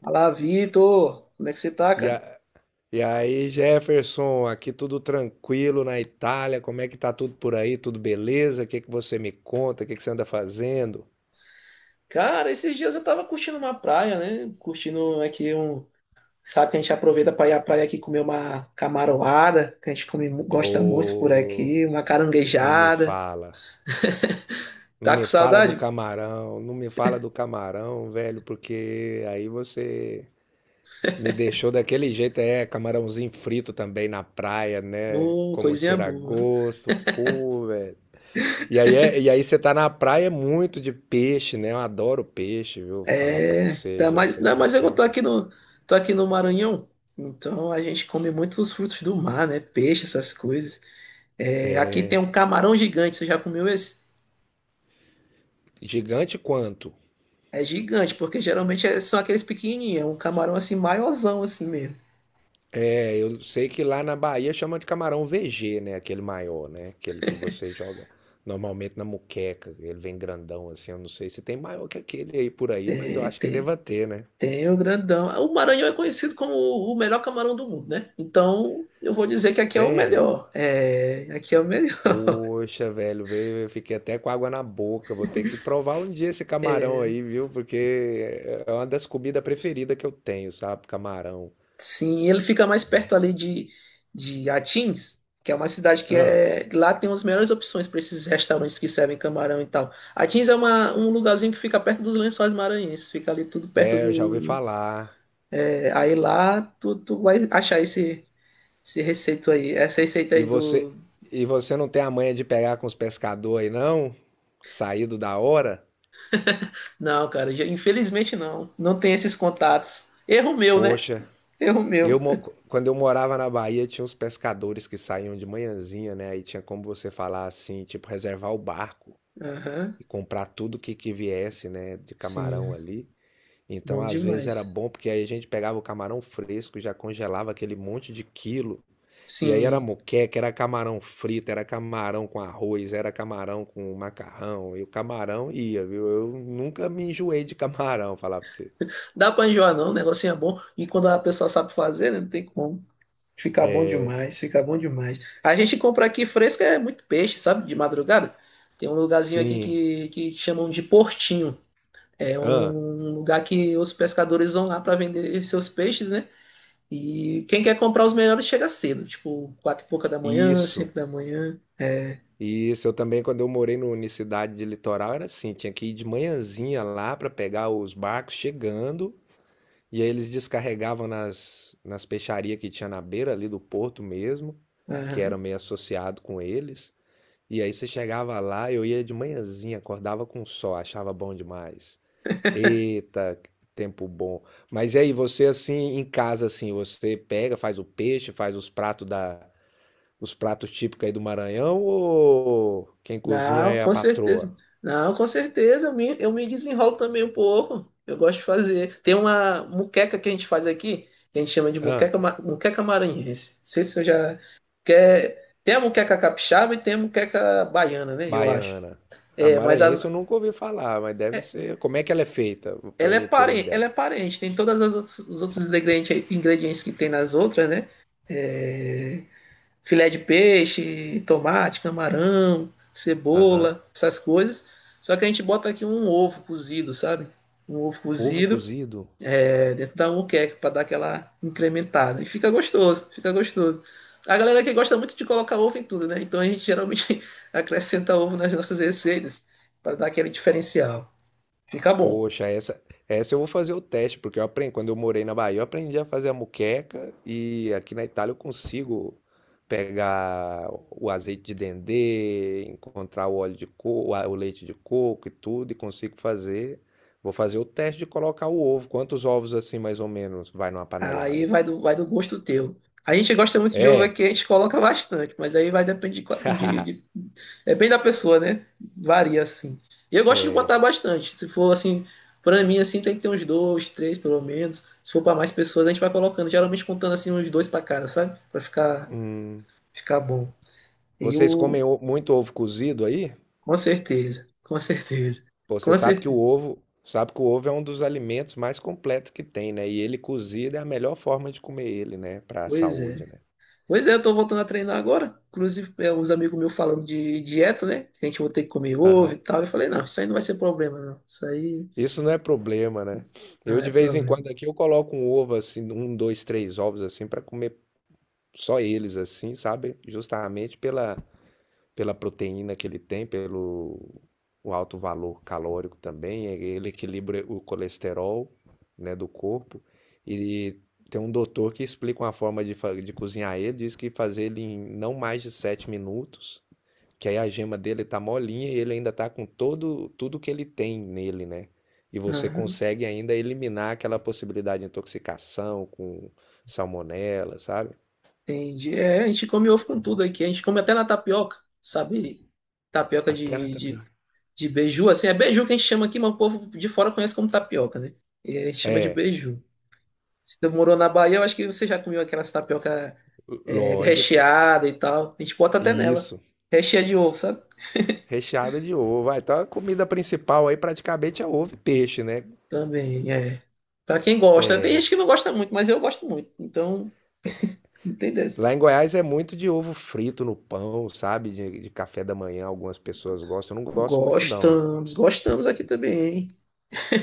Fala, Vitor! Como é que você tá, E, cara? a- e aí, Jefferson, aqui tudo tranquilo na Itália, como é que tá tudo por aí? Tudo beleza? O que que você me conta? O que que você anda fazendo? Cara, esses dias eu tava curtindo uma praia, né? Curtindo aqui um. Sabe que a gente aproveita pra ir à praia aqui comer uma camaroada, que a gente come, gosta muito por Ô, aqui, uma não me caranguejada. fala. Não Tá com me fala do saudade? camarão, não me fala do camarão, velho, porque aí você me deixou daquele jeito, é, camarãozinho frito também na praia, né? Como Coisinha tira boa. gosto, pô, velho. E aí, e aí você tá na praia é muito de peixe, né? Eu adoro peixe, viu? Falar pra É, você, ainda Jefferson, mais eu você. tô aqui tô aqui no Maranhão, então a gente come muitos frutos do mar, né? Peixe, essas coisas. É, aqui tem um camarão gigante, você já comeu esse? Gigante quanto? É gigante, porque geralmente são aqueles pequenininhos, é um camarão assim, maiorzão assim mesmo. É, eu sei que lá na Bahia chama de camarão VG, né? Aquele maior, né? Aquele que você joga normalmente na muqueca. Ele vem grandão assim. Eu não sei se tem maior que aquele aí por aí, mas eu Tem, acho que tem, deva ter, né? tem o grandão. O Maranhão é conhecido como o melhor camarão do mundo, né? Então, eu vou dizer que aqui é o Sério? melhor. É, aqui é o melhor. Poxa, velho, veio, eu fiquei até com água na boca. Vou ter que provar um dia esse camarão aí, viu? Porque é uma das comidas preferidas que eu tenho, sabe? Camarão. Sim, ele fica mais perto ali de Atins, que é uma cidade que Ah, é. Lá tem as melhores opções para esses restaurantes que servem camarão e tal. Atins é um lugarzinho que fica perto dos Lençóis Maranhenses, fica ali tudo perto é, eu já ouvi do. falar. É, aí lá tu vai achar esse. Esse receito aí, essa receita E aí você, do. e você não tem a manha de pegar com os pescadores aí, não? Saído da hora? Não, cara, infelizmente não. Não tem esses contatos. Erro meu, né? Poxa, Erro meu. eu mo- quando eu morava na Bahia, tinha uns pescadores que saíam de manhãzinha, né? Aí tinha como você falar assim, tipo, reservar o barco Aham. e comprar tudo que viesse, né, de camarão Sim. ali. Então, Bom às vezes era demais. bom porque aí a gente pegava o camarão fresco, já congelava aquele monte de quilo. E aí era Sim. moqueca, era camarão frito, era camarão com arroz, era camarão com macarrão. E o camarão ia, viu? Eu nunca me enjoei de camarão, falar pra você. Dá pra enjoar, não. O negocinho é bom. E quando a pessoa sabe fazer, né? Não tem como. Fica bom demais, fica bom demais. A gente compra aqui fresco é muito peixe, sabe? De madrugada. Tem um lugarzinho aqui Sim. Que chamam de Portinho. É Ah, um lugar que os pescadores vão lá para vender seus peixes, né? E quem quer comprar os melhores chega cedo, tipo, quatro e pouca da manhã, isso. cinco da manhã. Isso. Eu também, quando eu morei no na cidade de Litoral, era assim: tinha que ir de manhãzinha lá pra pegar os barcos chegando. E aí eles descarregavam nas peixarias que tinha na beira ali do porto mesmo, que era Aham. meio associado com eles. E aí você chegava lá, eu ia de manhãzinha, acordava com o sol, achava bom demais. Eita, que tempo bom. Mas e aí você assim, em casa assim, você pega, faz o peixe, faz os pratos da os pratos típicos aí do Maranhão ou quem cozinha Não, é a com patroa? certeza. Não, com certeza, eu me desenrolo também um pouco. Eu gosto de fazer. Tem uma muqueca que a gente faz aqui, que a gente chama de Hã? muqueca, muqueca maranhense. Não sei se eu já quer. Tem a muqueca capixaba e tem a muqueca baiana, né? Eu acho. Baiana. A É, mas maranhense eu nunca ouvi falar, mas deve é- ser. Como é que ela é feita? Pra ela é mim ter uma parente, ela é ideia. parente. Tem todas as os outros ingredientes, ingredientes que tem nas outras, né? Filé de peixe, tomate, camarão, Aham. cebola, essas coisas. Só que a gente bota aqui um ovo cozido, sabe? Um ovo Ovo cozido cozido? é, dentro da moqueca para dar aquela incrementada. E fica gostoso, fica gostoso. A galera que gosta muito de colocar ovo em tudo, né? Então a gente geralmente acrescenta ovo nas nossas receitas para dar aquele diferencial. Fica bom. Poxa, essa eu vou fazer o teste, porque eu aprendi, quando eu morei na Bahia, eu aprendi a fazer a moqueca e aqui na Itália eu consigo pegar o azeite de dendê, encontrar o óleo de coco, o leite de coco e tudo, e consigo fazer. Vou fazer o teste de colocar o ovo. Quantos ovos assim, mais ou menos, vai numa Aí panelada? vai vai do gosto teu. A gente gosta muito de ovo É. aqui, a gente coloca bastante, mas aí vai depender de, depende da pessoa, né? Varia assim. E eu gosto de botar É. bastante. Se for assim, pra mim assim tem que ter uns dois, três pelo menos. Se for pra mais pessoas, a gente vai colocando, geralmente contando assim uns dois pra cada, sabe? Pra Hum. ficar bom. E Vocês o comem muito ovo cozido aí? com certeza, com certeza. Pô, você Com sabe que o certeza. ovo, sabe que o ovo é um dos alimentos mais completos que tem, né? E ele cozido é a melhor forma de comer ele, né? Para a Pois saúde, é. né? Pois é, eu tô voltando a treinar agora. Inclusive, é, uns amigos meus falando de dieta, né? Que a gente vai ter que comer ovo Aham. e tal. Eu falei, não, isso aí não vai ser problema, não. Isso aí Isso não é problema, né? não Eu é de vez em problema. quando aqui eu coloco um ovo assim, um, dois, três ovos assim para comer só eles assim, sabe? Justamente pela proteína que ele tem, pelo o alto valor calórico também, ele equilibra o colesterol, né, do corpo. E tem um doutor que explica uma forma de cozinhar ele, diz que fazer ele em não mais de 7 minutos, que aí a gema dele tá molinha e ele ainda tá com todo tudo que ele tem nele, né? E você Aham, consegue ainda eliminar aquela possibilidade de intoxicação com salmonela, sabe? entendi. É, a gente come ovo com tudo aqui. A gente come até na tapioca, sabe? Tapioca Até na tapioca. de beiju, assim. É beiju que a gente chama aqui, mas o povo de fora conhece como tapioca, né? E a gente chama de É, beiju. Se você morou na Bahia, eu acho que você já comeu aquelas tapioca é, lógico. recheada e tal. A gente bota até nela. Isso. Recheia de ovo, sabe? Recheada de ovo. Ah, então a comida principal aí praticamente é ovo e peixe, né? Também, é. Pra quem gosta, tem É, gente que não gosta muito, mas eu gosto muito. Então, não tem dessa. lá em Goiás é muito de ovo frito no pão, sabe? De café da manhã, algumas pessoas gostam. Eu não gosto muito, não. Gostamos, gostamos aqui também, hein?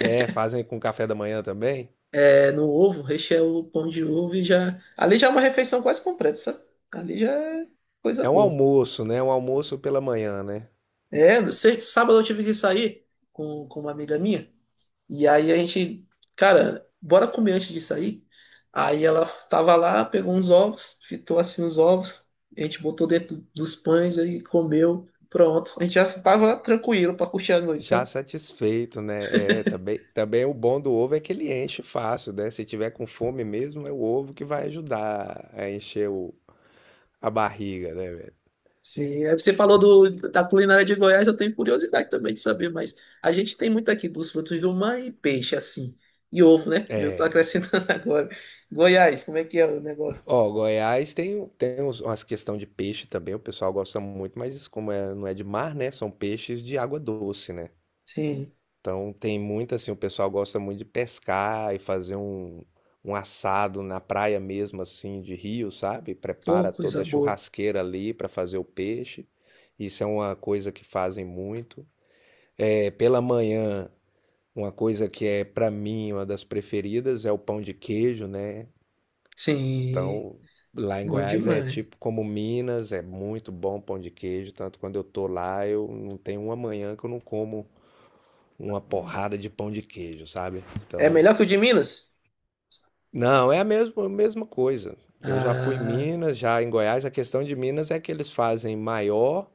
É, fazem com café da manhã também? É, no ovo, recheia o pão de ovo e já. Ali já é uma refeição quase completa, sabe? Ali já é coisa É um boa. almoço, né? Um almoço pela manhã, né? É, sábado eu tive que sair com uma amiga minha. E aí a gente, cara, bora comer antes de sair? Aí ela tava lá, pegou uns ovos, fitou assim os ovos, a gente botou dentro dos pães aí, comeu, pronto. A gente já tava tranquilo pra curtir a noite, Já sabe? satisfeito, né? É, também, também o bom do ovo é que ele enche fácil, né? Se tiver com fome mesmo, é o ovo que vai ajudar a encher a barriga, né, velho? Sim, aí você falou da culinária de Goiás, eu tenho curiosidade também de saber, mas a gente tem muito aqui dos frutos do mar e peixe, assim. E ovo, né? Eu tô É. acrescentando agora. Goiás, como é que é o negócio? Ó, Goiás tem, tem uns, umas questão de peixe também, o pessoal gosta muito, mas como é, não é de mar, né? São peixes de água doce, né? Sim, Então tem muito assim, o pessoal gosta muito de pescar e fazer um assado na praia mesmo, assim, de rio, sabe? tô Prepara toda coisa a boa. churrasqueira ali para fazer o peixe. Isso é uma coisa que fazem muito. É, pela manhã, uma coisa que é para mim uma das preferidas é o pão de queijo, né? Sim, Então, lá em bom Goiás é demais. tipo como Minas, é muito bom pão de queijo. Tanto quando eu tô lá, eu não tenho uma manhã que eu não como uma porrada de pão de queijo, sabe? É Então, melhor que o de Minas? não, é a mesma coisa. Eu já fui em Ah, Minas, já em Goiás. A questão de Minas é que eles fazem maior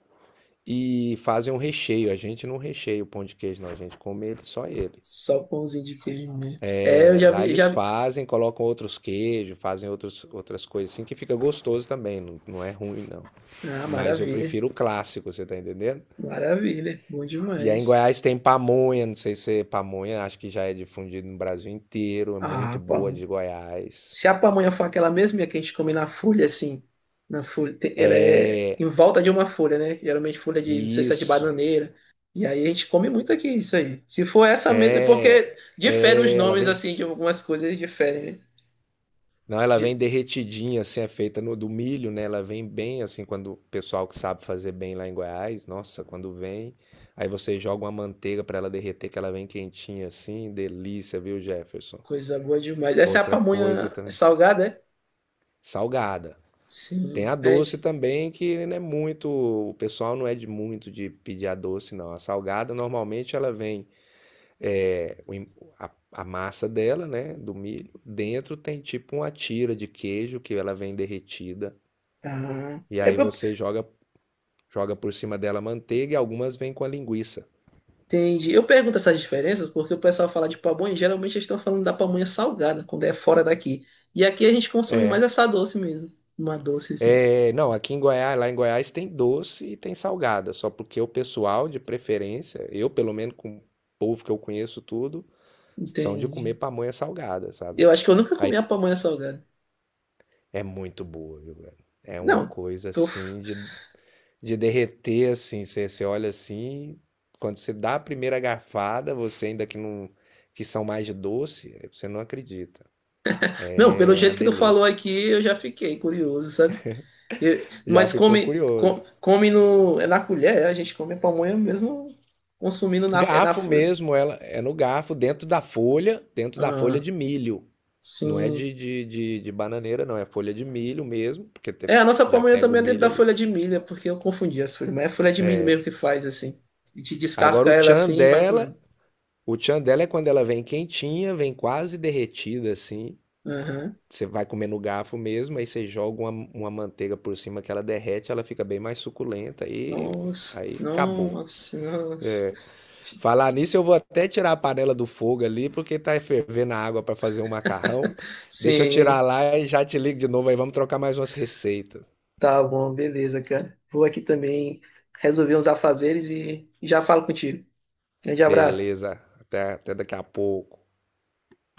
e fazem um recheio. A gente não recheia o pão de queijo, não. A gente come ele, só ele. só pãozinho de queijo mesmo. É, eu É, já lá vi, já eles vi. fazem, colocam outros queijos, fazem outros, outras coisas assim, que fica gostoso também. Não, não é ruim, não. Ah, Mas eu maravilha. prefiro o clássico, você tá entendendo? Maravilha. Bom E aí em demais. Goiás tem pamonha, não sei se é pamonha, acho que já é difundido no Brasil inteiro, é Ah, muito boa pamonha. de Goiás. Se a pamonha for aquela mesma que a gente come na folha, assim, na folha, ela é em volta de uma folha, né? Geralmente folha de, não sei se é de Isso. bananeira. E aí a gente come muito aqui isso aí. Se for essa mesma, porque É, diferem os é, ela nomes, vem, assim, de algumas coisas diferem, né? não, ela De- vem derretidinha, assim, é feita no do milho, né? Ela vem bem assim quando o pessoal que sabe fazer bem lá em Goiás, nossa, quando vem, aí você joga uma manteiga para ela derreter, que ela vem quentinha assim, delícia, viu, Jefferson? Coisa boa demais. Essa é a Outra coisa pamonha também, salgada, é? salgada. Tem a Sim. É, doce também, que não é muito. O pessoal não é de muito de pedir a doce, não. A salgada, normalmente, ela vem. é, o em- a massa dela, né? Do milho. Dentro tem tipo uma tira de queijo que ela vem derretida. Ah, E eu, aí eu- você joga por cima dela manteiga e algumas vêm com a linguiça. entendi. Eu pergunto essas diferenças porque o pessoal fala de pamonha, e geralmente eles estão falando da pamonha salgada, quando é fora daqui. E aqui a gente consome É, mais essa doce mesmo. Uma doce, assim. Não, aqui em Goiás, lá em Goiás tem doce e tem salgada, só porque o pessoal de preferência, eu pelo menos com o povo que eu conheço tudo, são de comer Entendi. pamonha salgada, sabe? Eu acho que eu nunca Aí comi a pamonha salgada. é muito boa, viu, velho? É uma Não, coisa tô... f- assim de derreter assim. Você, você olha assim, quando você dá a primeira garfada, você ainda que não que são mais de doce, você não acredita. Não, pelo É uma jeito que tu falou delícia. aqui, eu já fiquei curioso, sabe? Já Mas ficou curioso. come no... É na colher, é? A gente come a pamonha mesmo consumindo na, é na Garfo folha. mesmo, ela é no garfo dentro da folha Ah, de milho. Não é sim. De bananeira, não. É folha de milho mesmo, porque É, a nossa já pamonha pega o também é dentro milho da ali. folha de milho, é porque eu confundi as folhas. Mas é folha de milho mesmo que faz, assim. A gente Agora descasca o ela tchan assim e vai dela comendo. O tchan dela é quando ela vem quentinha, vem quase derretida assim. Aham. Você vai comer no garfo mesmo, aí você joga uma manteiga por cima que ela derrete, ela fica bem mais suculenta e Nossa, aí acabou. nossa, nossa. Falar nisso, eu vou até tirar a panela do fogo ali, porque tá fervendo a água para fazer um macarrão. Deixa eu Sim, tirar lá e já te ligo de novo aí, vamos trocar mais umas receitas. tá bom, beleza, cara. Vou aqui também resolver uns afazeres e já falo contigo. Grande abraço. Beleza, até daqui a pouco.